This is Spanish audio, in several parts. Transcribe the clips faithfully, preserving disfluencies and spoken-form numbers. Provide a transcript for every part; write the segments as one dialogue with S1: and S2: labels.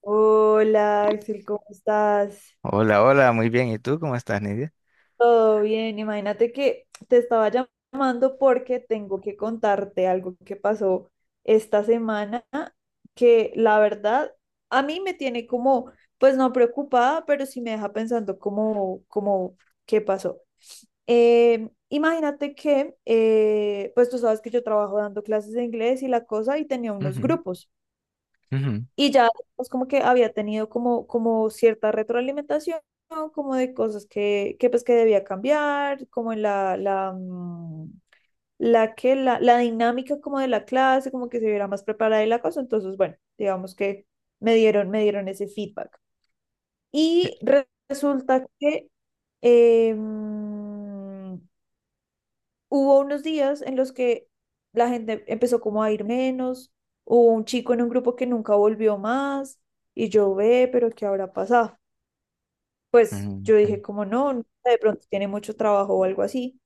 S1: Hola Axel, ¿cómo estás?
S2: Hola, hola, muy bien. ¿Y tú cómo estás, Nidia?
S1: Todo bien, imagínate que te estaba llam- llamando porque tengo que contarte algo que pasó esta semana que la verdad a mí me tiene como, pues no preocupada, pero sí me deja pensando como, como, ¿qué pasó? Eh, imagínate que, eh, pues tú sabes que yo trabajo dando clases de inglés y la cosa y tenía unos
S2: Ujú,
S1: grupos.
S2: ujú,
S1: Y ya, pues como que había tenido como, como cierta retroalimentación, ¿no? Como de cosas que, que pues que debía cambiar, como en la, la, mm, la que, la, la dinámica como de la clase, como que se viera más preparada y la cosa. Entonces, bueno, digamos que me dieron, me dieron ese feedback.
S2: eh,
S1: Y re- resulta que, eh, hubo unos días en los que la gente empezó como a ir menos, hubo un chico en un grupo que nunca volvió más y yo ve, pero ¿qué habrá pasado? Pues
S2: ujú,
S1: yo dije
S2: mm,
S1: como no, no sé, de pronto tiene mucho trabajo o algo así.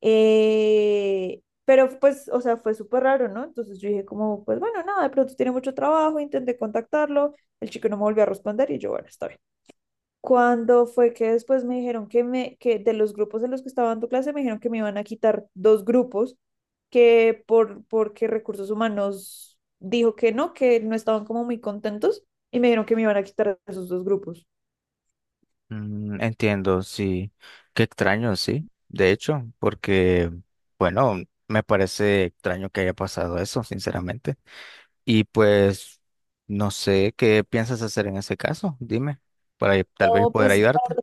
S1: Eh, pero pues, o sea, fue súper raro, ¿no? Entonces yo dije como, pues bueno, nada, de pronto tiene mucho trabajo, intenté contactarlo, el chico no me volvió a responder y yo, bueno, está bien. Cuando fue que después me dijeron que me, que de los grupos en los que estaba dando clase, me dijeron que me iban a quitar dos grupos, que por, porque recursos humanos dijo que no, que no estaban como muy contentos, y me dijeron que me iban a quitar esos dos grupos.
S2: mm, entiendo, sí. Qué extraño, sí. De hecho, porque, bueno, me parece extraño que haya pasado eso, sinceramente. Y pues, no sé qué piensas hacer en ese caso. Dime, para tal vez
S1: No,
S2: poder
S1: pues
S2: ayudarte.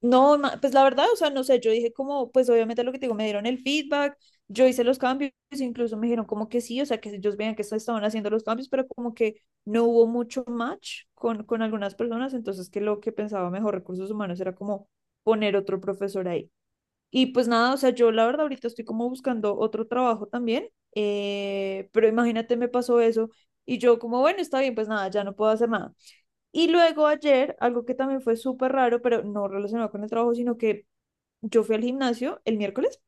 S1: no, ma- pues la verdad, o sea, no sé, yo dije como, pues obviamente lo que te digo, me dieron el feedback, yo hice los cambios, incluso me dijeron como que sí, o sea, que ellos veían que se estaban haciendo los cambios, pero como que no hubo mucho match con, con algunas personas, entonces que lo que pensaba mejor recursos humanos era como poner otro profesor ahí. Y pues nada, o sea, yo la verdad ahorita estoy como buscando otro trabajo también, eh, pero imagínate, me pasó eso y yo como, bueno, está bien, pues nada, ya no puedo hacer nada. Y luego ayer, algo que también fue súper raro, pero no relacionado con el trabajo, sino que yo fui al gimnasio el miércoles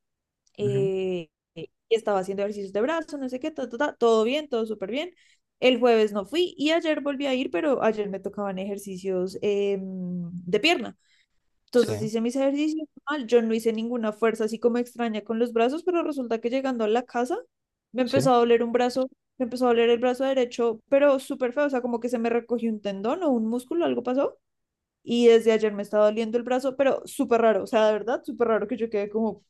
S2: Ujú,
S1: eh, y estaba haciendo ejercicios de brazo, no sé qué, ta, ta, ta, todo bien, todo súper bien. El jueves no fui y ayer volví a ir, pero ayer me tocaban ejercicios eh, de pierna.
S2: sí,
S1: Entonces hice mis ejercicios mal, yo no hice ninguna fuerza así como extraña con los brazos, pero resulta que llegando a la casa me
S2: sí.
S1: empezó a doler un brazo, me empezó a doler el brazo derecho, pero súper feo, o sea, como que se me recogió un tendón o un músculo, algo pasó y desde ayer me está doliendo el brazo, pero súper raro, o sea, de verdad, súper raro que yo quede como,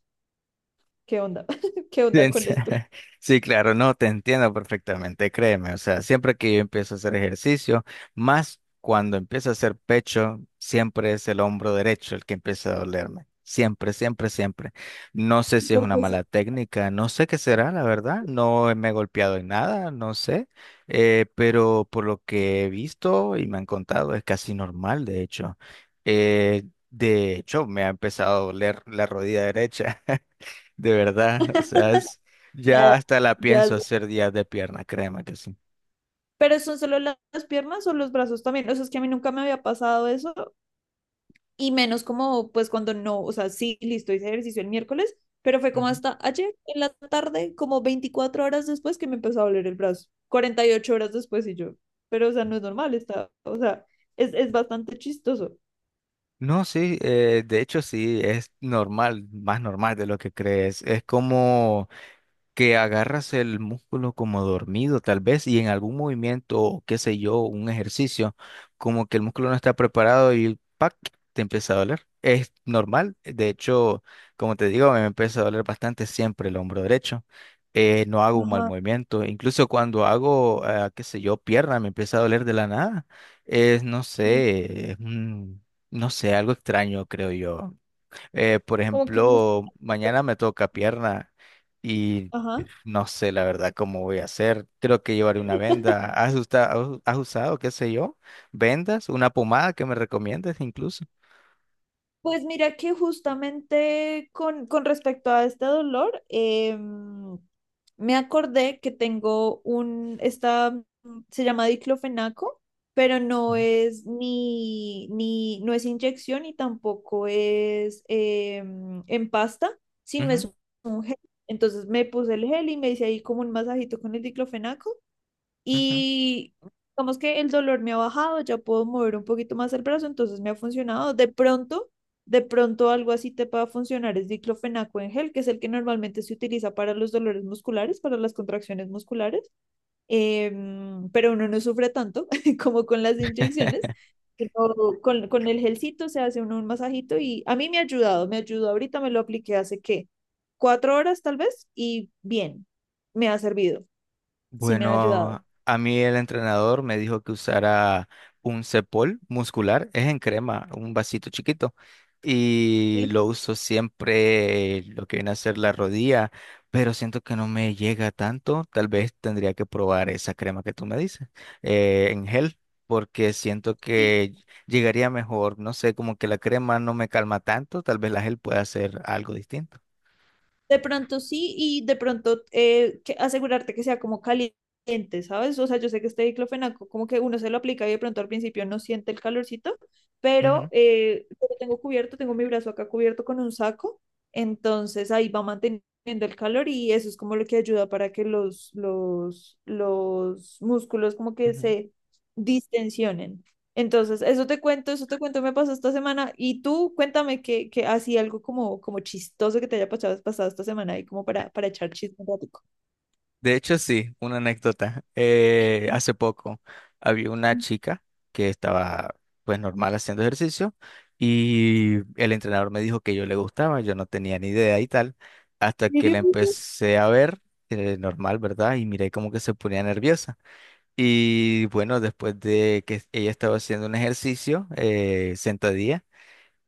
S1: ¿qué onda? ¿Qué
S2: Te
S1: onda con esto?
S2: enti- Sí, claro, no, te entiendo perfectamente, créeme. O sea, siempre que yo empiezo a hacer ejercicio, más cuando empiezo a hacer pecho, siempre es el hombro derecho el que empieza a dolerme. Siempre, siempre, siempre. No sé si es una
S1: Porque sí.
S2: mala técnica, no sé qué será, la verdad. No me he golpeado en nada, no sé. Eh, pero por lo que he visto y me han contado, es casi normal, de hecho. Eh, de hecho, me ha empezado a doler la rodilla derecha. De verdad, o sea, es, ya
S1: Ya,
S2: hasta la
S1: ya
S2: pienso
S1: es-
S2: hacer días de pierna, créeme que sí.
S1: pero son solo la- las piernas o los brazos también. O sea, es que a mí nunca me había pasado eso. Y menos como, pues cuando no, o sea, sí, listo, hice ejercicio el miércoles, pero fue como
S2: Ujú.
S1: hasta ayer en la tarde, como veinticuatro horas después que me empezó a doler el brazo. Cuarenta y ocho horas después y yo. Pero, o sea, no es normal, está, o sea, es, es bastante chistoso.
S2: No, sí, eh, de hecho sí, es normal, más normal de lo que crees. Es como que agarras el músculo como dormido tal vez y en algún movimiento o qué sé yo, un ejercicio, como que el músculo no está preparado y ¡pac! Te empieza a doler. Es normal, de hecho, como te digo, me empieza a doler bastante siempre el hombro derecho. Eh, no hago un mal
S1: Ajá,
S2: movimiento, incluso cuando hago, ah, qué sé yo, pierna, me empieza a doler de la nada. Es, no
S1: sí.
S2: sé, es un- No sé, algo extraño, creo yo. Eh, por
S1: Como que
S2: ejemplo, mañana me toca pierna. Y
S1: ajá.
S2: no sé la verdad cómo voy a hacer. Creo que llevaré una venda. ¿Has usado, has usado, qué sé yo, vendas, una pomada que me recomiendes incluso?
S1: Pues mira que justamente con, con respecto a este dolor, em, me acordé que tengo un, esta, mm, se llama diclofenaco, pero no
S2: Sí.
S1: es ni, ni, no es inyección y tampoco es em, en pasta, sino
S2: Ujú,
S1: es un gel. Entonces me puse el gel y me hice ahí como un masajito con el diclofenaco,
S2: ujú.
S1: y digamos que el dolor me ha bajado, ya puedo mover un poquito más el brazo, entonces me ha funcionado. De pronto, de pronto algo así te pueda funcionar es diclofenaco en gel, que es el que normalmente se utiliza para los dolores musculares, para las contracciones musculares, em, pero uno no sufre tanto como con las inyecciones. Sino Con, con el gelcito se hace uno un masajito y a mí me ha ayudado, me ayudó ahorita, me lo apliqué hace qué, cuatro horas tal vez y bien, me ha servido, sí me ha ayudado.
S2: Bueno, a mí el entrenador me dijo que usara un Cepol muscular, es en crema, un vasito chiquito, y lo uso siempre lo que viene a ser la rodilla, pero siento que no me llega tanto, tal vez tendría que probar esa crema que tú me dices, eh, en gel, porque siento
S1: Sí,
S2: que llegaría mejor, no sé, como que la crema no me calma tanto, tal vez la gel pueda hacer algo distinto.
S1: de pronto sí, y de pronto eh, que- asegurarte que sea como caliente, ¿sabes? O sea, yo sé que este diclofenaco, como que uno se lo aplica y de pronto al principio no siente el calorcito, pero
S2: Ujú,
S1: eh, yo lo tengo cubierto, tengo mi brazo acá cubierto con un saco, entonces ahí va manteniendo el calor y eso es como lo que ayuda para que los, los, los músculos como que
S2: ujú.
S1: se distensionen. Entonces, eso te cuento, eso te cuento, me pasó esta semana. Y tú, cuéntame que, que así algo como, como chistoso que te haya pasado, pasado esta semana y como para, para echar chisme un ratico.
S2: De hecho, sí, una anécdota. Eh, hace poco había una chica que estaba pues normal haciendo ejercicio y el entrenador me dijo que yo le gustaba, yo no tenía ni idea y tal, hasta
S1: ¿En
S2: que la
S1: serio?
S2: empecé a ver, eh, normal, ¿verdad? Y miré como que se ponía nerviosa. Y bueno, después de que ella estaba haciendo un ejercicio, eh, sentadilla.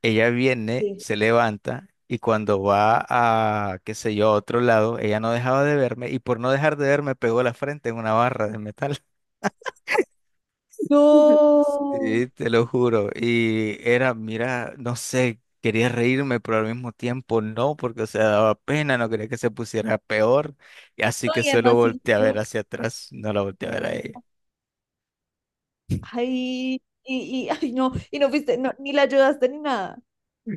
S2: Ella viene,
S1: Sí.
S2: se levanta y cuando va a, qué sé yo, a otro lado, ella no dejaba de verme y por no dejar de verme pegó la frente en una barra de metal.
S1: No.
S2: Sí, te lo juro. Y era, mira, no sé, quería reírme, pero al mismo tiempo no, porque o sea, daba pena, no quería que se pusiera peor. Y así
S1: No,
S2: que
S1: y
S2: solo
S1: además sí
S2: volteé a ver
S1: lo-
S2: hacia atrás, no la volteé a ver a ella.
S1: ay, y, y, ay, no, y no fuiste, no, ni la ayudaste ni nada.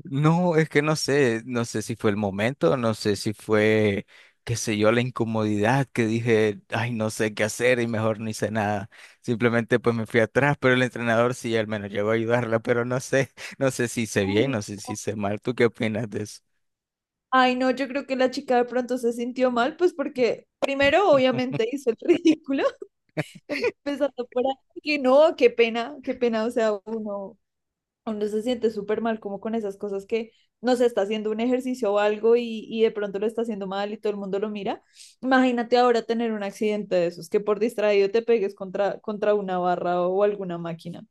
S2: No, es que no sé, no sé si fue el momento, no sé si fue, qué sé yo, la incomodidad que dije, ay, no sé qué hacer y mejor no hice nada. Simplemente pues me fui atrás, pero el entrenador sí al menos llegó a ayudarla, pero no sé, no sé si hice bien,
S1: Ay,
S2: no sé si hice mal. ¿Tú qué opinas de eso?
S1: ay, no, yo creo que la chica de pronto se sintió mal, pues porque primero obviamente hizo el ridículo, empezando por ahí, que no, qué pena, qué pena, o sea, uno, uno se siente súper mal como con esas cosas que no se está haciendo un ejercicio o algo y, y de pronto lo está haciendo mal y todo el mundo lo mira. Imagínate ahora tener un accidente de esos, que por distraído te pegues contra, contra una barra o alguna máquina.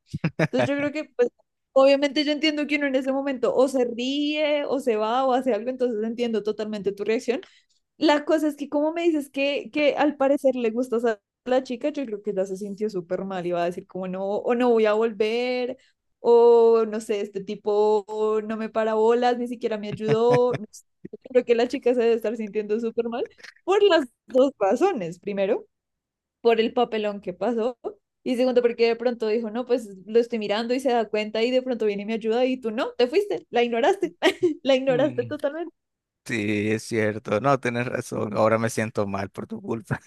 S1: Entonces yo creo que, pues, obviamente yo entiendo que uno en ese momento o se ríe o se va o hace algo, entonces entiendo totalmente tu reacción, la cosa es que como me dices que, que al parecer le gustas a la chica, yo creo que ya se sintió súper mal y va a decir como no, o no voy a volver, o no sé, este tipo no me para bolas, ni siquiera me ayudó. No sé. Creo que la chica se debe estar sintiendo súper mal por las dos razones. Primero, por el papelón que pasó. Y segundo, porque de pronto dijo, no, pues lo estoy mirando y se da cuenta y de pronto viene y me ayuda y tú no, te fuiste, la ignoraste, la ignoraste
S2: Mm,
S1: totalmente.
S2: sí, es cierto, no, tienes razón, ahora me siento mal por tu culpa.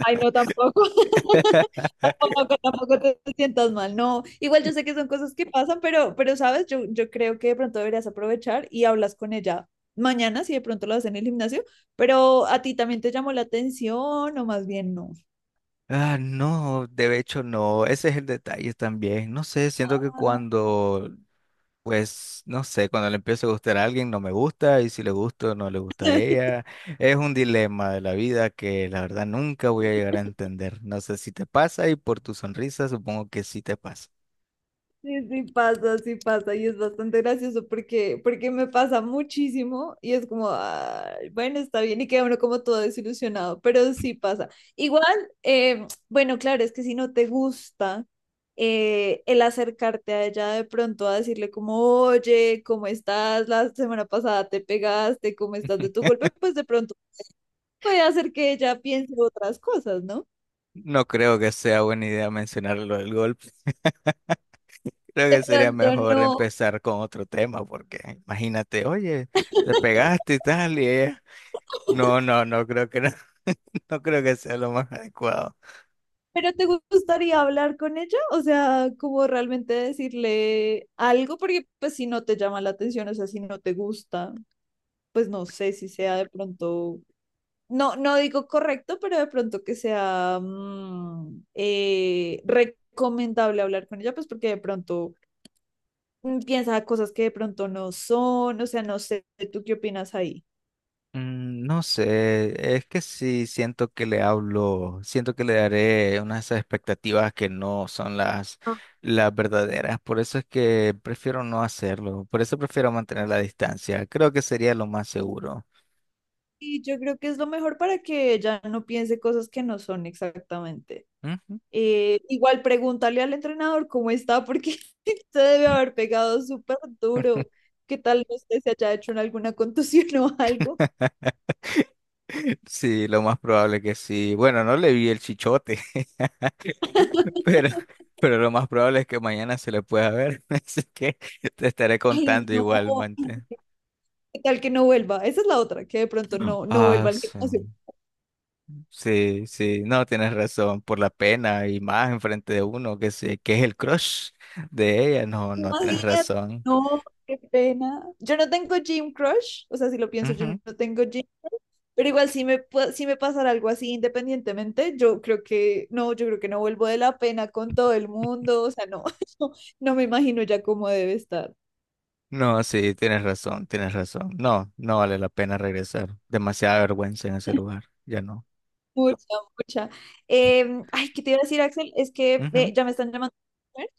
S1: Ay, no, tampoco. Tampoco, tampoco te sientas mal. No, igual yo sé que son cosas que pasan, pero, pero sabes, yo, yo creo que de pronto deberías aprovechar y hablas con ella mañana si de pronto lo haces en el gimnasio, pero a ti también te llamó la atención o más bien no.
S2: Ah, no, de hecho no, ese es el detalle también. No sé, siento que
S1: Ah,
S2: cuando, pues no sé, cuando le empiezo a gustar a alguien no me gusta y si le gusto no le gusta a ella. Es un dilema de la vida que la verdad nunca voy a llegar a entender. No sé si te pasa y por tu sonrisa supongo que sí te pasa.
S1: sí, sí pasa, sí pasa y es bastante gracioso porque, porque me pasa muchísimo y es como, "Ay, bueno, está bien" y queda uno como todo desilusionado, pero sí pasa. Igual, eh, bueno, claro, es que si no te gusta eh, el acercarte a ella de pronto a decirle como, oye, ¿cómo estás? La semana pasada te pegaste, ¿cómo estás de tu golpe? Pues de pronto puede hacer que ella piense otras cosas, ¿no?
S2: No creo que sea buena idea mencionar lo del golpe. Creo
S1: De
S2: que sería
S1: pronto
S2: mejor
S1: no.
S2: empezar con otro tema porque imagínate, oye, te pegaste y tal y ella... No, no, no creo que no, no creo que sea lo más adecuado.
S1: ¿Pero te gustaría hablar con ella? O sea, como realmente decirle algo, porque pues si no te llama la atención, o sea, si no te gusta, pues no sé si sea de pronto no, no digo correcto, pero de pronto que sea mm, eh, recomendable hablar con ella, pues porque de pronto mm, piensa cosas que de pronto no son, o sea, no sé, ¿tú qué opinas ahí?
S2: Mm, no sé, es que sí siento que le hablo, siento que le daré unas expectativas que no son las,
S1: Ah,
S2: las verdaderas, por eso es que prefiero no hacerlo, por eso prefiero mantener la distancia, creo que sería lo más seguro.
S1: y yo creo que es lo mejor para que ella no piense cosas que no son exactamente.
S2: Ujú.
S1: Eh, igual pregúntale al entrenador cómo está, porque se debe haber pegado súper duro. ¿Qué tal no sé si haya hecho en alguna contusión o algo?
S2: Sí, lo más probable que sí. Bueno, no le vi el chichote, pero, pero lo más probable es que mañana se le pueda ver, así que te estaré
S1: Ay,
S2: contando
S1: no,
S2: igualmente.
S1: ¿qué tal que no vuelva? Esa es la otra, que de pronto no, no
S2: Ah,
S1: vuelva al
S2: sí.
S1: gimnasio.
S2: Sí, sí, no, tienes razón, por la pena y más enfrente de uno que se, que es el crush de ella, no, no, tienes
S1: Imagínate,
S2: razón.
S1: no, qué pena. Yo no tengo gym crush, o sea, si lo pienso, yo
S2: Ujú.
S1: no tengo gym, pero igual si me, pa- si me pasara algo así independientemente, yo creo que no, yo creo que no vuelvo de la pena con todo el mundo, o sea, no, no, no me imagino ya cómo debe estar.
S2: No, sí, tienes razón, tienes razón. No, no vale la pena regresar. Demasiada vergüenza en ese lugar, ya no.
S1: Mucha, mucha. Em, ay, ¿qué te iba a decir, Axel? Es que
S2: Ujú,
S1: eh, ya me están llamando a comer.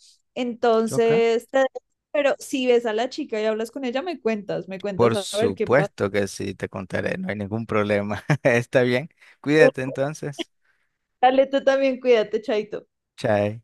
S2: ok.
S1: Entonces, te dejo, pero si ves a la chica y hablas con ella, me cuentas, me cuentas
S2: Por
S1: a ver qué pasa.
S2: supuesto que sí, te contaré, no hay ningún problema. Está bien, cuídate entonces.
S1: Dale, tú también cuídate, Chaito.
S2: Chao.